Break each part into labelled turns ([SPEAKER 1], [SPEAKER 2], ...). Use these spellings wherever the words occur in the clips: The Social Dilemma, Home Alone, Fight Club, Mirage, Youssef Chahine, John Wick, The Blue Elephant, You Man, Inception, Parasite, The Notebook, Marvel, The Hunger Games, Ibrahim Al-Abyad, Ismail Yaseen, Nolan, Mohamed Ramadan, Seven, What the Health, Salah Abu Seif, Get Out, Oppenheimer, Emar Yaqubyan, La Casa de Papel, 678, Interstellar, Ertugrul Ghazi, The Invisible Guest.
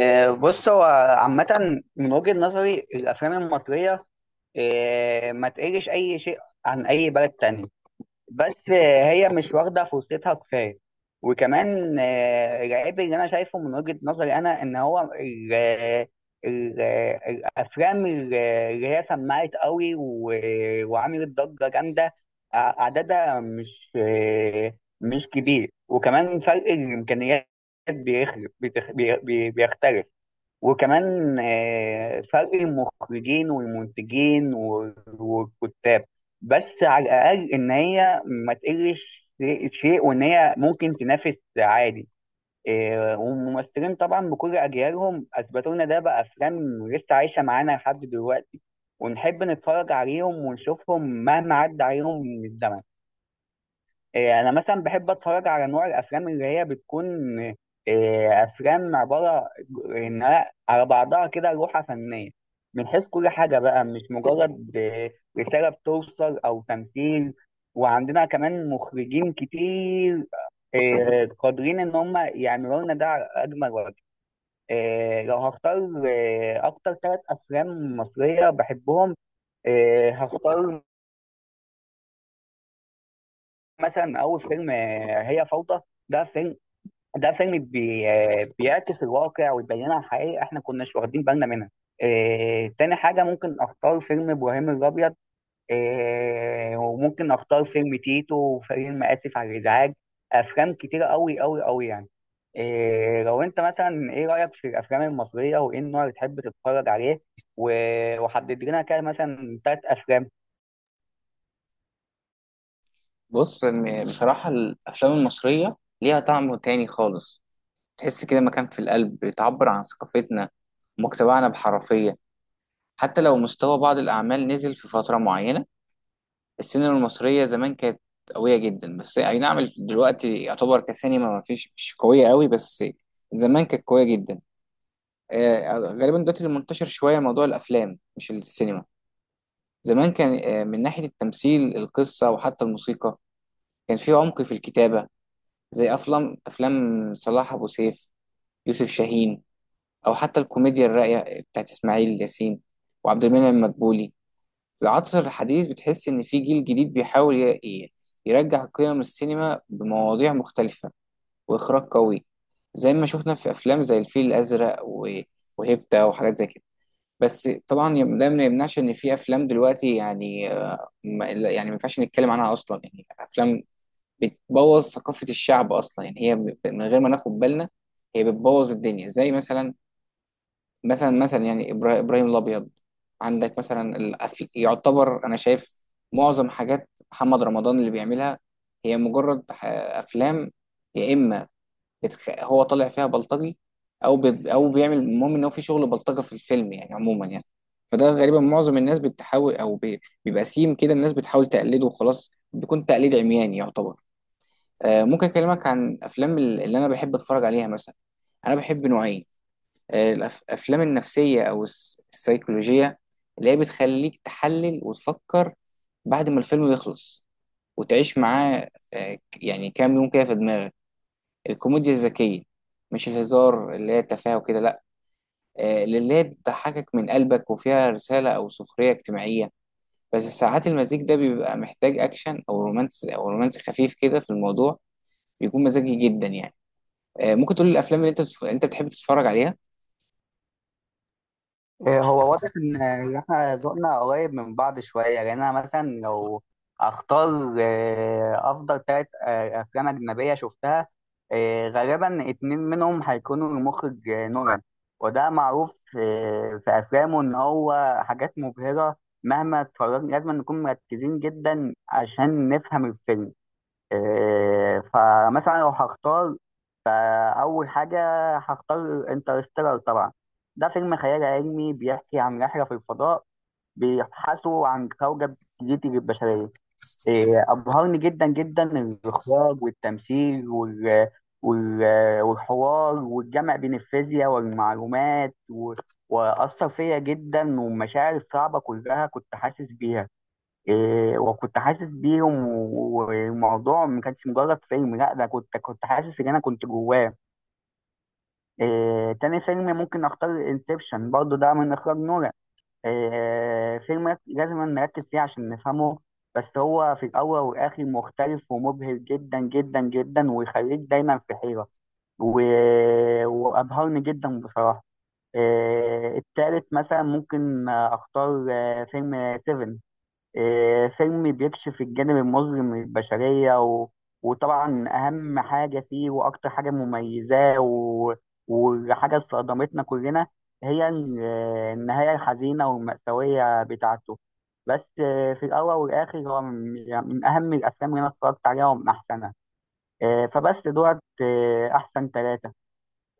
[SPEAKER 1] بص هو عامة من وجهة نظري الأفلام المصرية ما تقلش أي شيء عن أي بلد تاني. بس هي مش واخدة فرصتها كفاية. وكمان العيب اللي أنا شايفه من وجهة نظري أنا إن هو ال ال الأفلام اللي هي سمعت قوي وعملت ضجة جامدة. عددها مش مش كبير، وكمان فرق الإمكانيات بيخلق بيتخ- بي- بي- بيختلف. وكمان فرق المخرجين والمنتجين والكتاب. بس على الأقل إن هي ما تقلش شيء، وإن هي ممكن تنافس عادي. والممثلين طبعا بكل أجيالهم أثبتوا لنا ده بأفلام لسه عايشة معانا لحد دلوقتي، ونحب نتفرج عليهم ونشوفهم مهما عدى عليهم من الزمن. انا مثلا بحب اتفرج على نوع الافلام اللي هي بتكون افلام عباره انها على بعضها كده لوحه فنيه من حيث كل حاجه، بقى مش مجرد رساله بتوصل او تمثيل. وعندنا كمان مخرجين كتير قادرين ان هم يعملوا لنا ده على اجمل وجه. لو هختار اكتر ثلاث افلام مصريه بحبهم، هختار مثلا اول فيلم هي فوضى. ده فيلم، ده فيلم بي... بيعكس الواقع ويبينها الحقيقة احنا كناش واخدين بالنا منها. اه... تاني حاجة ممكن اختار فيلم ابراهيم الابيض. اه... وممكن اختار فيلم تيتو وفيلم اسف على الازعاج. افلام كتيرة قوي قوي قوي يعني. إيه لو انت مثلا ايه رأيك في الافلام المصرية، وايه النوع اللي تحب تتفرج عليه؟ وحدد لنا كده مثلا تلات افلام.
[SPEAKER 2] بص بصراحة، الأفلام المصرية ليها طعم تاني خالص. تحس كده مكان في القلب، بتعبر عن ثقافتنا ومجتمعنا بحرفية، حتى لو مستوى بعض الأعمال نزل في فترة معينة. السينما المصرية زمان كانت قوية جدا، بس أي نعم دلوقتي يعتبر كسينما ما فيش، مش قوية قوي، بس زمان كانت قوية جدا. غالبا دلوقتي اللي منتشر شوية موضوع الأفلام مش السينما. زمان كان، من ناحية التمثيل، القصة، وحتى الموسيقى، كان في عمق في الكتابة، زي افلام صلاح ابو سيف، يوسف شاهين، او حتى الكوميديا الراقيه بتاعت اسماعيل ياسين وعبد المنعم مدبولي. في العصر الحديث بتحس ان في جيل جديد بيحاول يرجع قيم السينما بمواضيع مختلفه واخراج قوي، زي ما شفنا في افلام زي الفيل الازرق وهيبتا وحاجات زي كده. بس طبعا، ده ما يمنعش ان في افلام دلوقتي يعني، يعني ما ينفعش نتكلم عنها اصلا، يعني افلام بتبوظ ثقافة الشعب أصلا، يعني هي من غير ما ناخد بالنا هي بتبوظ الدنيا، زي مثلا، مثلا يعني إبراهيم الأبيض. عندك مثلا، يعتبر أنا شايف معظم حاجات محمد رمضان اللي بيعملها هي مجرد أفلام، يا إما هو طالع فيها بلطجي، أو بيعمل، المهم إن هو في شغل بلطجة في الفيلم يعني، عموما يعني. فده غالبا معظم الناس بتحاول، بيبقى سيم كده، الناس بتحاول تقلده وخلاص، بيكون تقليد عمياني يعتبر. ممكن اكلمك عن افلام اللي انا بحب اتفرج عليها مثلا. انا بحب نوعين، الافلام النفسيه او السيكولوجيه، اللي هي بتخليك تحلل وتفكر بعد ما الفيلم يخلص وتعيش معاه، يعني كام يوم كده في دماغك. الكوميديا الذكيه، مش الهزار اللي هي التفاهه وكده، لا، اللي هي بتضحكك من قلبك وفيها رساله او سخريه اجتماعيه. بس ساعات المزيج ده بيبقى محتاج اكشن او رومانس، او رومانس خفيف كده في الموضوع، بيكون مزاجي جدا يعني. ممكن تقول لي الافلام اللي انت بتحب تتفرج عليها؟
[SPEAKER 1] هو واضح ان إن احنا ذوقنا قريب من بعض شويه. يعني انا مثلا لو اختار افضل ثلاث افلام اجنبيه شفتها، غالبا اتنين منهم هيكونوا المخرج نولان. وده معروف في افلامه ان هو حاجات مبهره، مهما اتفرجنا لازم نكون مركزين جدا عشان نفهم الفيلم. فمثلا لو هختار، فأول حاجة هختار انترستيلر طبعا. ده فيلم خيال علمي بيحكي عن رحلة في الفضاء، بيبحثوا عن كوكب جديد للبشرية. أبهرني جدا جدا الإخراج والتمثيل وال... والحوار، والجمع بين الفيزياء والمعلومات وأثر فيا جدا، والمشاعر الصعبة كلها كنت حاسس بيها. وكنت حاسس بيهم، والموضوع ما كانش مجرد فيلم، لا ده كنت حاسس ان انا كنت جواه. تاني فيلم ممكن اختار انسبشن، برضه ده من اخراج نولان. فيلم لازم نركز فيه عشان نفهمه، بس هو في الاول والاخر مختلف ومبهر جدا جدا جدا، ويخليك دايما في حيرة و... وابهرني جدا بصراحة. التالت مثلا ممكن اختار فيلم سيفن. فيلم بيكشف الجانب المظلم من البشرية وطبعا أهم حاجة فيه وأكتر حاجة مميزاه وحاجة صدمتنا كلنا، هي النهاية الحزينة والمأساوية بتاعته. بس في الأول والآخر هو من يعني من أهم الأفلام اللي أنا اتفرجت عليها ومن أحسنها. فبس دوت أحسن ثلاثة.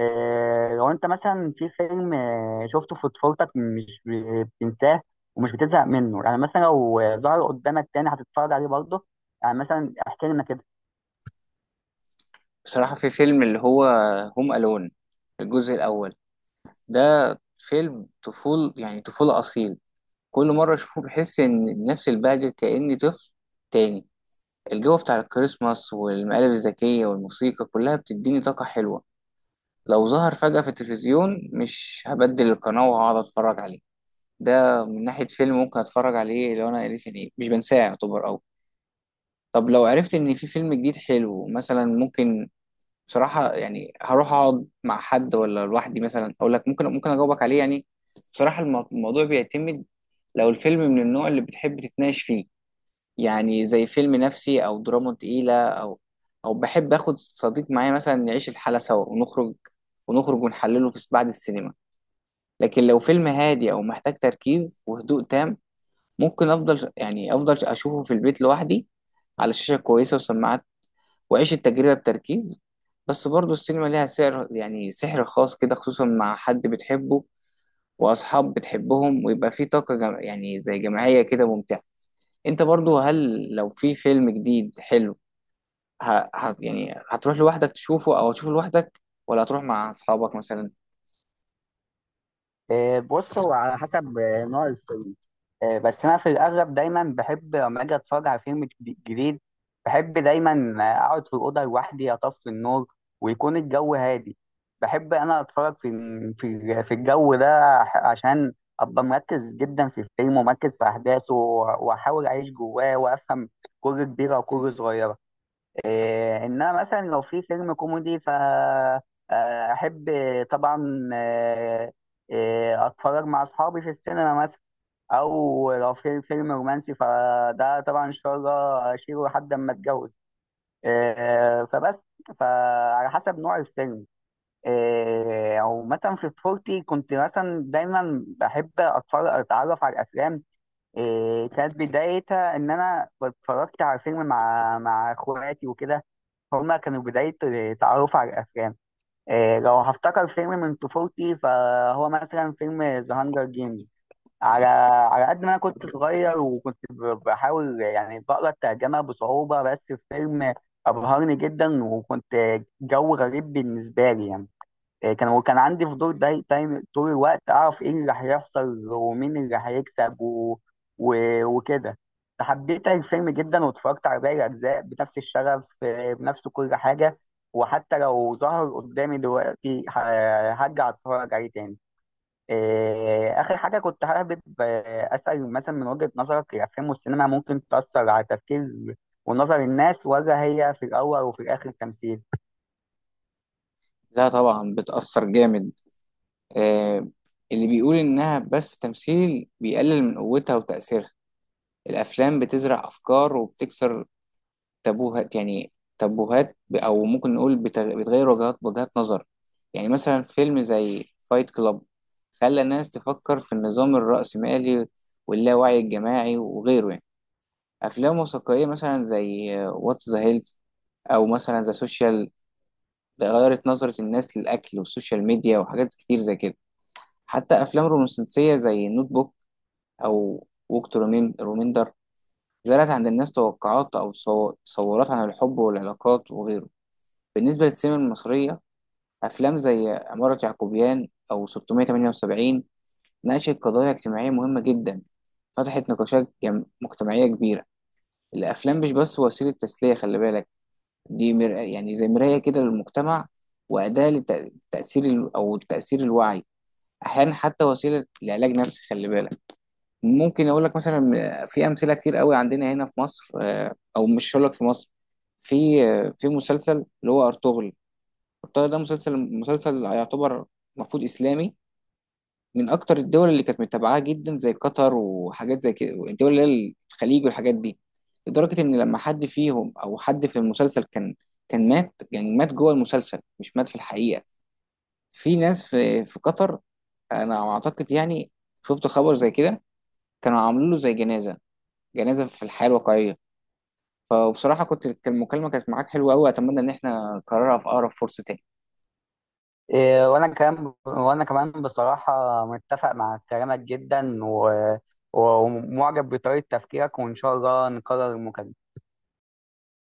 [SPEAKER 1] لو انت مثلا في فيلم شفته في طفولتك مش بتنساه، ومش بتزهق منه، يعني مثلا لو ظهر قدامك تاني هتتفرج عليه برضه، يعني مثلا احكي لنا كده.
[SPEAKER 2] بصراحه في فيلم اللي هو هوم الون، الجزء الاول، ده فيلم يعني طفوله اصيل. كل مره اشوفه بحس ان نفس البهجه، كاني طفل تاني. الجو بتاع الكريسماس والمقالب الذكيه والموسيقى كلها بتديني طاقه حلوه. لو ظهر فجاه في التلفزيون مش هبدل القناه، وهقعد اتفرج عليه. ده من ناحيه فيلم ممكن اتفرج عليه لو انا قريت، يعني مش بنساه يعتبر أوي. طب لو عرفت ان في فيلم جديد حلو مثلا ممكن، بصراحة يعني هروح أقعد مع حد ولا لوحدي مثلا، أقول لك ممكن، أجاوبك عليه يعني. بصراحة الموضوع بيعتمد، لو الفيلم من النوع اللي بتحب تتناقش فيه، يعني زي فيلم نفسي أو دراما تقيلة، أو، أو بحب آخد صديق معايا مثلا نعيش الحالة سوا ونخرج، ونحلله في بعد السينما. لكن لو فيلم هادي أو محتاج تركيز وهدوء تام، ممكن أفضل، يعني أفضل أشوفه في البيت لوحدي، على شاشة كويسة وسماعات، وعيش التجربة بتركيز. بس برضه السينما ليها سحر، يعني سحر خاص كده، خصوصا مع حد بتحبه وأصحاب بتحبهم، ويبقى في طاقة يعني زي جماعية كده ممتعة. أنت برضه، هل لو في فيلم جديد حلو، يعني هتروح لوحدك تشوفه، أو هتشوفه لوحدك ولا هتروح مع أصحابك مثلا؟
[SPEAKER 1] بص هو على حسب نوع الفيلم. بس انا في الاغلب دايما بحب لما اجي اتفرج على فيلم جديد، بحب دايما اقعد في الاوضه لوحدي، اطفي النور، ويكون الجو هادي. بحب انا اتفرج في في الجو ده عشان ابقى مركز جدا في الفيلم، ومركز في احداثه، واحاول اعيش جواه وافهم كل كبيره وكل صغيره. إيه انما مثلا لو في فيلم كوميدي ف احب طبعا اتفرج مع اصحابي في السينما مثلا. او لو في فيلم رومانسي فده طبعا ان شاء الله اشيله لحد اما اتجوز. فبس فعلى حسب نوع الفيلم. او مثلا في طفولتي كنت مثلا دايما بحب اتفرج اتعرف على الافلام. كانت بدايتها ان انا اتفرجت على فيلم مع اخواتي وكده، هما كانوا بداية تعرف على الافلام. لو هفتكر فيلم من طفولتي، فهو مثلا فيلم ذا هانجر جيمز. على على قد ما انا كنت صغير، وكنت بحاول يعني بقرا الترجمه بصعوبه، بس الفيلم ابهرني جدا، وكنت جو غريب بالنسبه لي يعني. وكان عندي فضول دايما طول الوقت اعرف ايه اللي هيحصل ومين اللي هيكسب و... وكده. حبيت الفيلم جدا، واتفرجت على باقي الاجزاء بنفس الشغف، بنفس كل حاجه. وحتى لو ظهر قدامي دلوقتي هرجع اتفرج عليه تاني. آخر حاجة كنت حابب أسأل مثلا، من وجهة نظرك الأفلام والسينما ممكن تأثر على تفكير ونظر الناس، ولا هي في الأول وفي الآخر تمثيل؟
[SPEAKER 2] لا طبعا بتأثر جامد. آه... اللي بيقول إنها بس تمثيل بيقلل من قوتها وتأثيرها. الأفلام بتزرع أفكار وبتكسر تابوهات يعني، تابوهات او ممكن نقول بتغير وجهات نظر. يعني مثلا فيلم زي فايت كلاب خلى الناس تفكر في النظام الرأسمالي واللاوعي الجماعي وغيره يعني. افلام وثائقية مثلا زي واتس ذا هيلز، او مثلا ذا سوشيال، غيرت نظرة الناس للاكل والسوشيال ميديا وحاجات كتير زي كده. حتى افلام رومانسية زي نوت بوك، او ووك تو ريميندر، زرعت عند الناس توقعات او تصورات عن الحب والعلاقات وغيره. بالنسبة للسينما المصرية، أفلام زي عمارة يعقوبيان أو 678 ناقشت قضايا اجتماعية مهمة جدا، فتحت نقاشات مجتمعية كبيرة. الأفلام مش بس وسيلة تسلية، خلي بالك، دي يعني زي مراية كده للمجتمع، وأداة لتأثير أو تأثير الوعي، أحيانا حتى وسيلة لعلاج نفسي، خلي بالك. ممكن أقول لك مثلا، في أمثلة كتير قوي عندنا هنا في مصر، أو مش هقول لك في مصر، في، في مسلسل اللي هو أرطغرل الطاهر، ده مسلسل يعتبر، المفروض اسلامي. من اكتر الدول اللي كانت متابعاه جدا زي قطر وحاجات زي كده، الدول اللي هي الخليج والحاجات دي. لدرجه ان لما حد فيهم او حد في المسلسل كان مات، يعني مات جوه المسلسل مش مات في الحقيقه. في ناس في قطر، انا اعتقد يعني، شفت خبر زي كده، كانوا عاملين له زي جنازه، جنازه في الحياه الواقعيه. فبصراحه كنت، المكالمه كانت معاك حلوه قوي، اتمنى ان احنا نكررها في اقرب فرصه تاني.
[SPEAKER 1] وأنا كمان، وأنا كمان بصراحة متفق مع كلامك جدا ومعجب بطريقة تفكيرك، وإن شاء الله نكرر المكالمة.